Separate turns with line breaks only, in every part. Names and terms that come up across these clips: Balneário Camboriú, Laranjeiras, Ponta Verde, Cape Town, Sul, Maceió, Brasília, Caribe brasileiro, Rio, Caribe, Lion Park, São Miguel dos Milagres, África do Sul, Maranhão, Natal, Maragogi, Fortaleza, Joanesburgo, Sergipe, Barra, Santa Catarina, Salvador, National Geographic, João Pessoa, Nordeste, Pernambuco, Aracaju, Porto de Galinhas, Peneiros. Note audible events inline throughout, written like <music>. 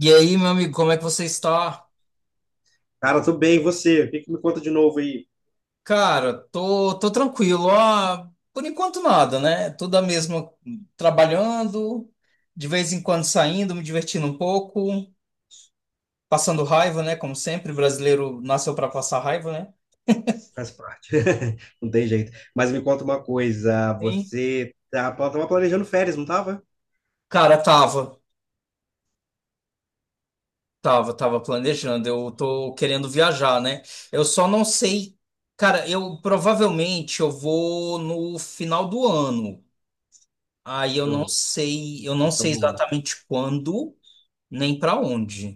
E aí, meu amigo, como é que você está?
Cara, tô bem, e você? O que me conta de novo aí?
Cara, tô tranquilo. Por enquanto nada, né? Tudo a mesma, trabalhando, de vez em quando saindo, me divertindo um pouco, passando raiva, né? Como sempre, brasileiro nasceu para passar raiva, né?
Faz parte. <laughs> Não tem jeito. Mas me conta uma coisa,
E,
você tava planejando férias, não tava?
Cara, tava planejando. Eu tô querendo viajar, né? Eu só não sei. Cara, eu provavelmente eu vou no final do ano. Aí
Show.
eu não
Época
sei
boa.
exatamente quando. Nem pra onde.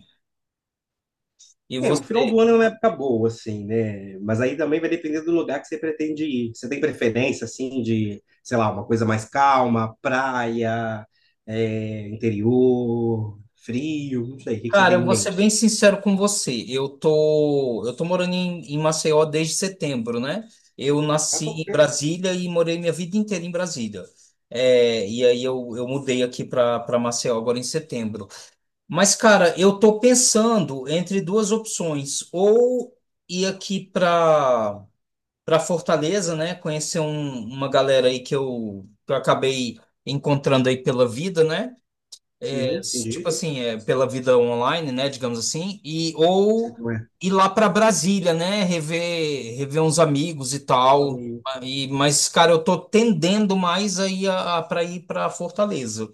E
É, o final do
você?
ano é uma época boa, assim, né? Mas aí também vai depender do lugar que você pretende ir. Você tem preferência, assim, de, sei lá, uma coisa mais calma, praia, interior, frio, não sei. O que você
Cara,
tem
eu
em
vou ser
mente?
bem sincero com você. Eu tô morando em Maceió desde setembro, né? Eu
Ah,
nasci
pô,
em
é.
Brasília e morei minha vida inteira em Brasília. É, e aí eu mudei aqui para Maceió agora em setembro. Mas, cara, eu tô pensando entre duas opções. Ou ir aqui para Fortaleza, né? Conhecer uma galera aí que eu acabei encontrando aí pela vida, né?
Sim, entendi.
Tipo assim, é, pela vida online, né, digamos assim, e
Sei
ou
como é.
ir lá para Brasília, né, rever uns amigos e tal. E, mas, cara, eu tô tendendo mais aí para ir para Fortaleza.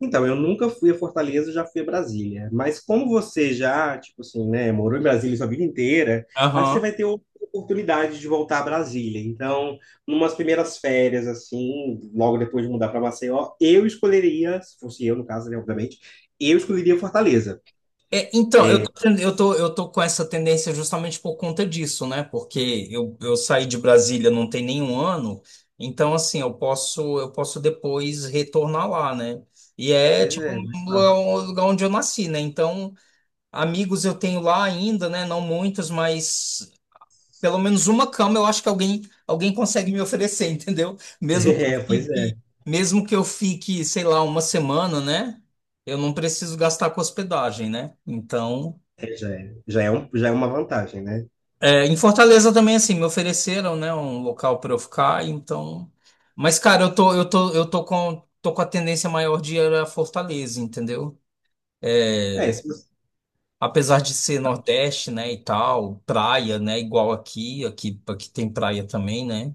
Então, eu nunca fui a Fortaleza, eu já fui a Brasília. Mas como você já, tipo assim, né, morou em Brasília sua vida inteira, aí você
Aham.
vai ter outra oportunidade de voltar a Brasília. Então, numas primeiras férias, assim, logo depois de mudar para Maceió, eu escolheria, se fosse eu no caso, né, obviamente, eu escolheria Fortaleza.
É, então, eu tô, tendo- eu tô com essa tendência justamente por conta disso, né? Porque eu saí de Brasília não tem nenhum ano, então assim, eu posso depois retornar lá, né? E é
Pois
tipo
é, mais fácil.
um
<laughs>
lugar onde eu nasci, né? Então amigos eu tenho lá ainda, né? Não muitos, mas pelo menos uma cama eu acho que alguém consegue me oferecer, <laughs> entendeu?
É, pois é.
Mesmo que eu fique, sei lá, uma semana, né? Eu não preciso gastar com hospedagem, né? Então,
Já é uma vantagem, né?
é, em Fortaleza também assim me ofereceram, né, um local para eu ficar, então. Mas cara, eu tô eu tô eu tô com a tendência maior de ir a Fortaleza, entendeu?
É, se você-
Apesar de ser Nordeste, né, e tal, praia, né, igual aqui tem praia também, né?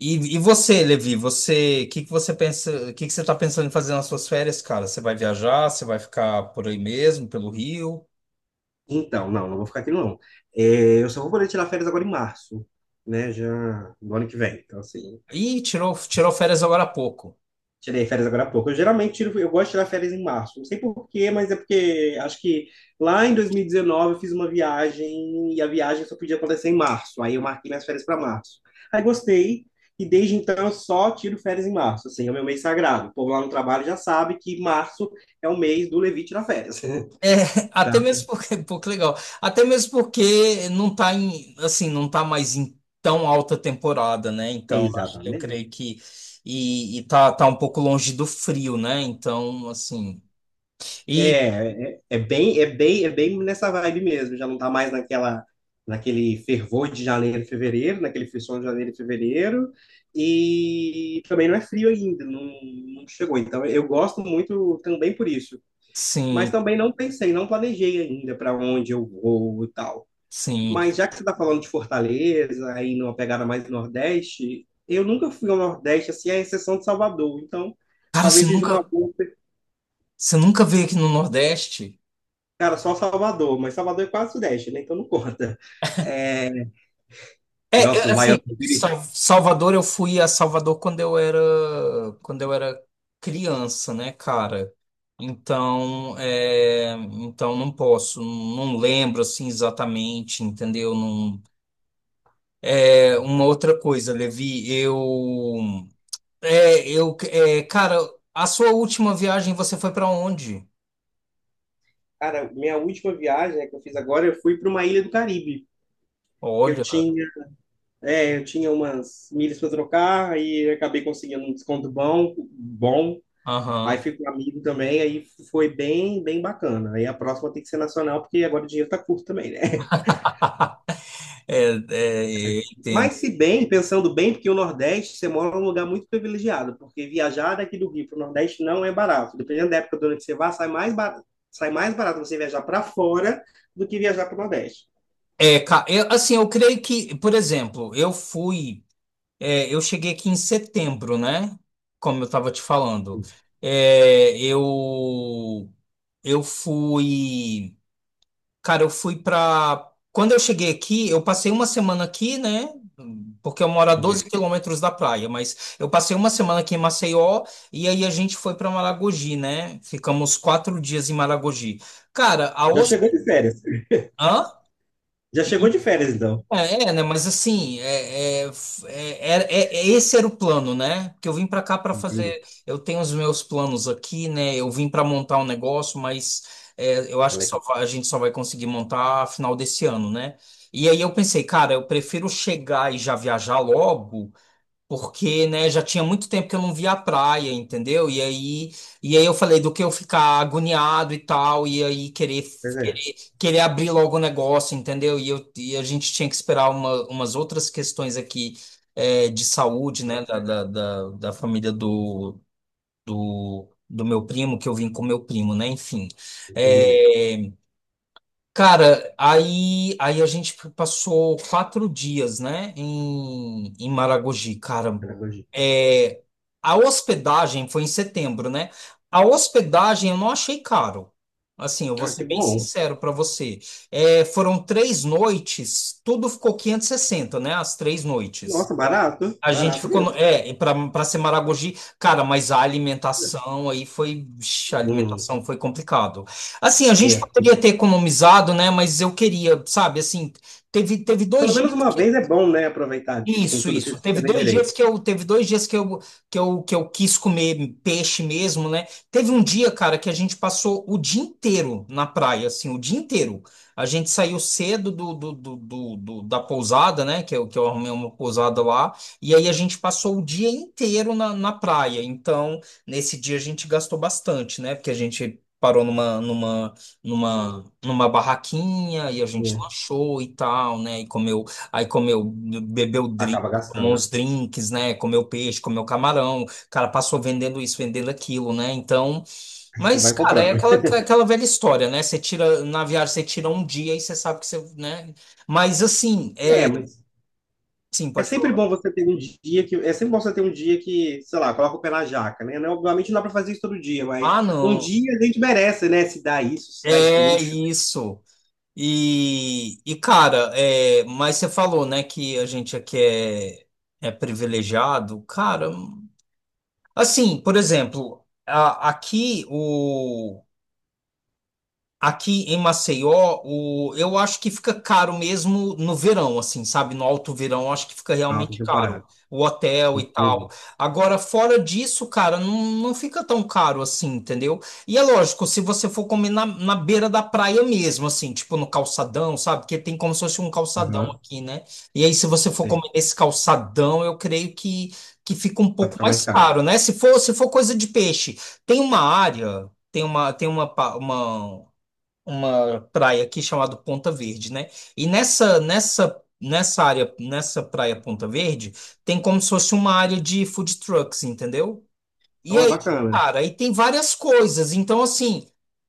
E você, Levi, você, o que que você pensa, o que que você tá pensando em fazer nas suas férias, cara? Você vai viajar, você vai ficar por aí mesmo, pelo Rio?
Então, não vou ficar aqui não. É, eu só vou poder tirar férias agora em março, né? Já do ano que vem. Então, assim,
Ih, tirou férias agora há pouco.
tirei férias agora há pouco. Eu geralmente tiro, eu gosto de tirar férias em março. Não sei por quê, mas é porque acho que lá em 2019 eu fiz uma viagem e a viagem só podia acontecer em março. Aí eu marquei minhas férias para março. Aí gostei e desde então eu só tiro férias em março. Assim, é o meu mês sagrado. O povo lá no trabalho já sabe que março é o mês do Levi tirar férias. <laughs>
É, <laughs>
Tá.
até mesmo porque, <laughs> pô, que legal. Até mesmo porque não tá em, assim, não tá mais em tão alta temporada, né? Então, acho que eu
Exatamente.
creio que tá, tá um pouco longe do frio, né? Então, assim, e
É bem nessa vibe mesmo. Já não tá mais naquela, naquele fervor de janeiro e fevereiro, naquele frisson de janeiro e fevereiro. E também não é frio ainda, não, não chegou. Então eu gosto muito também por isso. Mas
sim,
também não pensei, não planejei ainda para onde eu vou e tal.
sim.
Mas já que você está falando de Fortaleza, aí numa pegada mais Nordeste, eu nunca fui ao Nordeste, assim, à exceção de Salvador. Então,
Cara,
talvez seja uma boa.
você nunca veio aqui no Nordeste?
Cara, só Salvador, mas Salvador é quase Sudeste, né? Então não conta. É... e nossos
Assim,
baianos.
Salvador, eu fui a Salvador quando eu era criança, né, cara? Então, é, então não posso, não lembro assim exatamente, entendeu? Não, é, uma outra coisa, Levi, cara, a sua última viagem você foi pra onde?
Cara, minha última viagem, né, que eu fiz agora, eu fui para uma ilha do Caribe. Eu
Olha,
tinha, eu tinha umas milhas para trocar, aí eu acabei conseguindo um desconto bom, bom. Aí
aham.
fui com um amigo também, aí foi bem, bem bacana. Aí a próxima tem que ser nacional, porque agora o dinheiro tá curto também, né?
<laughs> É, é, eu entendo.
Mas se bem, pensando bem, porque o Nordeste, você mora num lugar muito privilegiado, porque viajar daqui do Rio para o Nordeste não é barato. Dependendo da época do ano que você vá, sai mais barato você viajar para fora do que viajar para o Nordeste.
É, assim, eu creio que, por exemplo, eu cheguei aqui em setembro, né? Como eu estava te falando. É, eu fui, eu fui para. Quando eu cheguei aqui, eu passei uma semana aqui, né? Porque eu moro a 12
Entendi.
quilômetros da praia, mas eu passei uma semana aqui em Maceió e aí a gente foi para Maragogi, né? Ficamos 4 dias em Maragogi. Cara, a
Já chegou de férias.
hospedagem.
Já chegou de férias, então.
É, é, né? Mas assim, esse era o plano, né? Que eu vim para cá para
Entendi.
fazer. Eu tenho os meus planos aqui, né? Eu vim para montar um negócio, mas é, eu
É
acho que
legal.
a gente só vai conseguir montar final desse ano, né? E aí eu pensei, cara, eu prefiro chegar e já viajar logo porque, né, já tinha muito tempo que eu não via a praia, entendeu? E aí eu falei do que eu ficar agoniado e tal,
Pois é.
querer abrir logo o negócio, entendeu? E a gente tinha que esperar umas outras questões aqui, é, de saúde, né, da família do meu primo, que eu vim com meu primo, né, enfim. eh,
Entendi.
Cara, aí a gente passou 4 dias, né, em Maragogi. Cara,
Pedagogia.
é, a hospedagem foi em setembro, né? A hospedagem eu não achei caro. Assim, eu vou
Ah,
ser
que
bem
bom.
sincero para você. É, foram 3 noites, tudo ficou 560, né? As 3 noites.
Nossa, barato.
A gente
Barato
ficou.
mesmo.
É, para ser Maragogi, cara, mas a alimentação aí foi. Vixe, a
Hum,
alimentação foi complicado. Assim, a gente
é.
poderia ter economizado, né? Mas eu queria, sabe, assim, teve, teve
Pelo
dois
menos uma vez é bom, né? Aproveitar, tipo, com
isso,
tudo que
isso.
você tem direito.
Teve dois dias que eu quis comer peixe mesmo, né? Teve um dia, cara, que a gente passou o dia inteiro na praia, assim, o dia inteiro. A gente saiu cedo da pousada, né? Que eu arrumei uma pousada lá. E aí a gente passou o dia inteiro na praia. Então, nesse dia a gente gastou bastante, né? Porque a gente parou numa barraquinha e a gente
É.
lanchou e tal, né? E comeu. Aí comeu, bebeu drink,
Acaba
tomou
gastando.
uns drinks, né? Comeu peixe, comeu camarão. O cara passou vendendo isso, vendendo aquilo, né? Então,
Aí você
mas,
vai
cara, é
comprando.
aquela, aquela velha história, né? Você tira, na viagem, você tira um dia e você sabe que você, né? Mas assim,
É,
é
mas
assim,
é
pode
sempre
falar.
bom você ter um dia que. É sempre bom você ter um dia que, sei lá, coloca o pé na jaca, né? Não, obviamente não dá pra fazer isso todo dia, mas
Ah,
um
não.
dia a gente merece, né? Se dá isso, se dá esse
É
luxo
isso. E cara, é, mas você falou, né, que a gente aqui é, é privilegiado. Cara, assim, por exemplo, aqui em Maceió, o, eu acho que fica caro mesmo no verão, assim, sabe? No alto verão, eu acho que fica
na alta
realmente caro.
temporada.
O hotel e tal.
Entendi.
Agora, fora disso, cara, não, não fica tão caro assim, entendeu? E é lógico, se você for comer na beira da praia mesmo, assim, tipo no calçadão, sabe? Porque tem como se fosse um calçadão
Aham,
aqui, né? E aí, se você for
sei.
comer nesse calçadão, eu creio que fica um
Vai
pouco
ficar mais
mais
caro.
caro, né? Se for coisa de peixe, tem uma área. Tem uma, pa- uma praia aqui chamada Ponta Verde, né? E nessa área, nessa praia Ponta Verde, tem como se fosse uma área de food trucks, entendeu? E
Então é
aí,
bacana.
cara, aí tem várias coisas. Então, assim,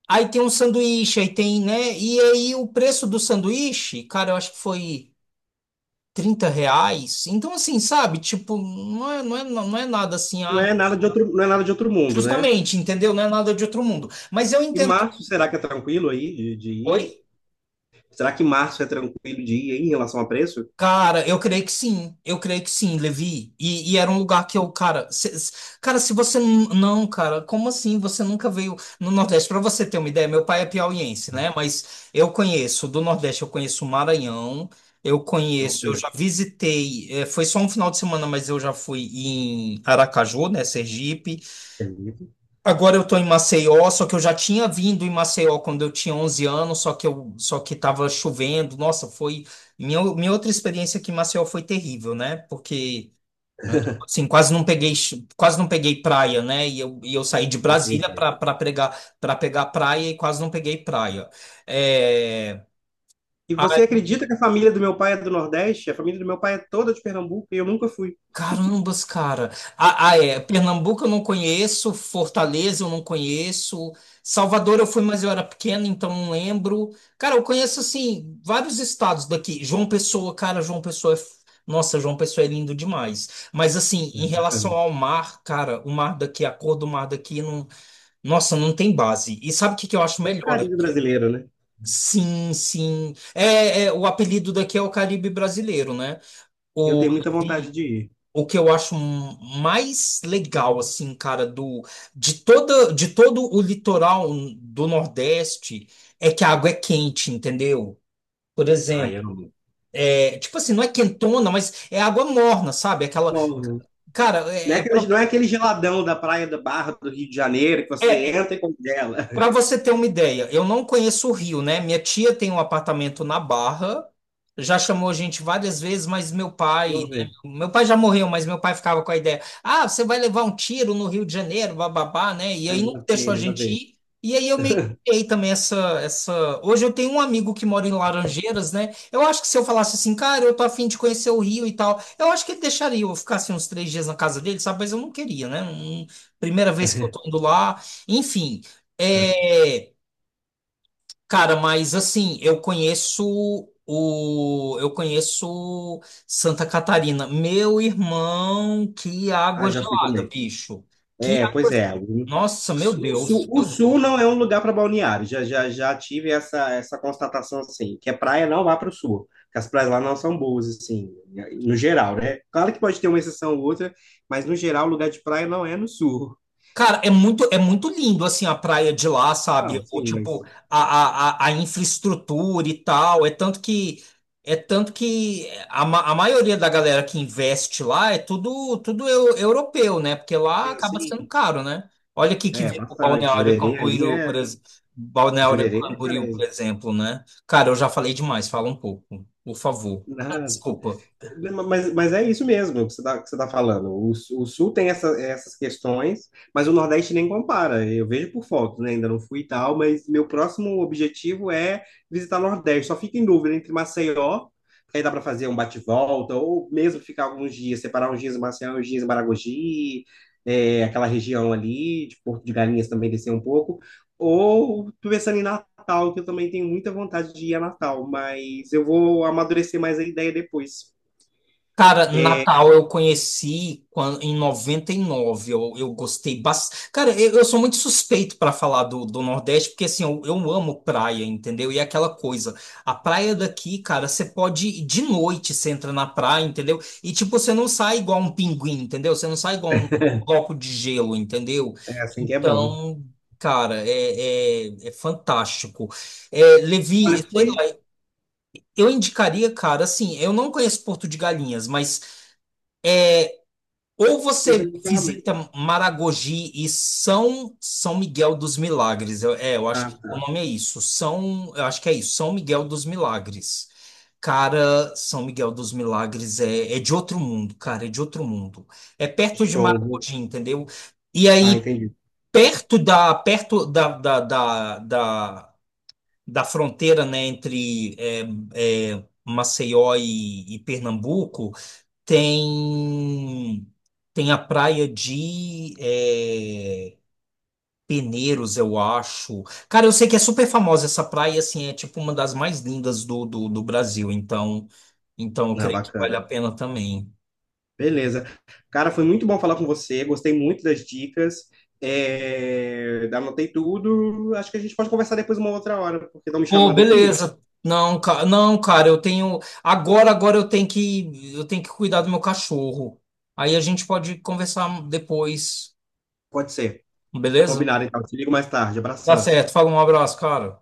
aí tem um sanduíche, aí tem, né? E aí o preço do sanduíche, cara, eu acho que foi R$ 30. Então, assim, sabe? Tipo, não é nada assim, ah,
Não é nada de outro mundo, né?
justamente, entendeu? Não é nada de outro mundo. Mas eu
E
entendo que.
março, será que é tranquilo aí de
Oi?
ir? Será que março é tranquilo de ir em relação a preço?
Cara, eu creio que sim, Levi. E era um lugar que eu, cara, cara, se você não, cara, como assim? Você nunca veio no Nordeste? Pra você ter uma ideia, meu pai é piauiense, né? Mas eu conheço do Nordeste, eu conheço o Maranhão, eu
Olha,
já visitei, foi só um final de semana, mas eu já fui em Aracaju, né, Sergipe.
entendi.
Agora eu tô em Maceió, só que eu já tinha vindo em Maceió quando eu tinha 11 anos, só que tava chovendo. Nossa, foi minha outra experiência aqui em Maceió foi terrível, né? Porque né, tipo assim, quase não peguei praia, né? E eu saí de Brasília para pegar praia e quase não peguei praia. É,
E você acredita que a família do meu pai é do Nordeste? A família do meu pai é toda de Pernambuco e eu nunca fui.
carambas, cara. É. Pernambuco eu não conheço, Fortaleza eu não conheço, Salvador eu fui, mas eu era pequeno, então não lembro. Cara, eu conheço, assim, vários estados daqui. João Pessoa, cara, João Pessoa é. F- nossa, João Pessoa é lindo demais. Mas, assim,
É
em relação
bacana.
ao mar, cara, o mar daqui, a cor do mar daqui, não... nossa, não tem base. E sabe o que que eu acho
É o
melhor
carinho
aqui?
brasileiro, né?
Sim, sim. É, é, o apelido daqui é o Caribe brasileiro, né?
Eu
O
tenho muita vontade de ir.
o que eu acho mais legal, assim, cara, de toda, de todo o litoral do Nordeste é que a água é quente, entendeu? Por
Ai,
exemplo,
eu não.
é, tipo assim, não é quentona, mas é água morna, sabe? Aquela,
Bom, né?
cara,
Não é aquele geladão da Praia da Barra do Rio de Janeiro que você
é.
entra e congela.
Para
<laughs>
você ter uma ideia, eu não conheço o Rio, né? Minha tia tem um apartamento na Barra, já chamou a gente várias vezes, mas meu pai,
Não
né?
vê.
Meu pai já morreu, mas meu pai ficava com a ideia: ah, você vai levar um tiro no Rio de Janeiro, bababá, né? E
Ah,
aí não
nada a
deixou a
ver, nada a
gente
ver.
ir. E aí eu meio que criei também essa, essa. Hoje eu tenho um amigo que mora em Laranjeiras, né? Eu acho que se eu falasse assim, cara, eu tô afim de conhecer o Rio e tal, eu acho que ele deixaria eu ficar assim uns 3 dias na casa dele, sabe? Mas eu não queria, né? Primeira vez que eu tô indo lá. Enfim, é, cara, mas assim, eu conheço Santa Catarina. Meu irmão, que
Ah,
água
já fui
gelada,
também.
bicho. Que
É,
água,
pois é. O
nossa, meu
Sul, o Sul-
Deus,
o
meu
Sul
Deus.
não é um lugar para balneário. Já tive essa, essa constatação assim, que a praia não vai para o Sul, que as praias lá não são boas assim, no geral, né? Claro que pode ter uma exceção ou outra, mas no geral o lugar de praia não é no Sul. <laughs>
Cara, é muito lindo assim a praia de lá, sabe?
Não,
Ou
sim,
tipo
mas
a infraestrutura e tal. É tanto que a maioria da galera que investe lá é tudo europeu, né? Porque lá
tem
acaba
assim,
sendo caro, né? Olha aqui que
é
vem o
bastante.
Balneário Camboriú, por exemplo, Balneário
Jurerê é
Camboriú, por
Carese.
exemplo, né? Cara, eu já falei demais, fala um pouco, por favor. <laughs> Desculpa.
Mas, é isso mesmo que você está tá falando. O Sul tem essa, essas questões, mas o Nordeste nem compara. Eu vejo por fotos, né? Ainda não fui e tal, mas meu próximo objetivo é visitar o Nordeste. Só fico em dúvida entre Maceió, que aí dá para fazer um bate-volta, ou mesmo ficar alguns dias, separar uns dias em Maceió, uns dias em Maragogi, é, aquela região ali, de Porto de Galinhas também descer um pouco. Ou tô pensando em Natal, que eu também tenho muita vontade de ir a Natal, mas eu vou amadurecer mais a ideia depois.
Cara, Natal eu conheci em 99 eu gostei bastante. Cara, eu sou muito suspeito para falar do Nordeste, porque assim, eu amo praia, entendeu? E é aquela coisa, a praia daqui, cara, você pode ir de noite, você entra na praia, entendeu? E tipo, você não sai igual um pinguim, entendeu? Você não sai igual um bloco de gelo, entendeu?
É assim que é bom.
Então, cara, é fantástico. É, Levi,
Olha,
sei
foi.
lá, eu indicaria, cara, assim, eu não conheço Porto de Galinhas, mas ou
Eu
você
sei que foi lá mesmo.
visita Maragogi e São Miguel dos Milagres. Eu acho
Ah,
que o
tá.
nome é isso. São, eu acho que é isso. São Miguel dos Milagres. Cara, São Miguel dos Milagres é, é de outro mundo, cara, é de outro mundo. É perto de
Show.
Maragogi, entendeu? E
Ah,
aí,
entendi.
perto da fronteira, né, entre é, é, Maceió e Pernambuco, tem, tem a praia de é, Peneiros, eu acho. Cara, eu sei que é super famosa essa praia, assim, é tipo uma das mais lindas do Brasil, então, então eu
Ah,
creio que vale
bacana.
a pena também.
Beleza. Cara, foi muito bom falar com você. Gostei muito das dicas. É... Anotei tudo. Acho que a gente pode conversar depois uma outra hora, porque estão me
Pô,
chamando aqui.
beleza. Não, não, cara, eu tenho. Agora eu tenho que cuidar do meu cachorro. Aí a gente pode conversar depois,
Pode ser.
beleza?
Combinado, então. Te ligo mais tarde.
Tá
Abração.
certo, fala um abraço, cara.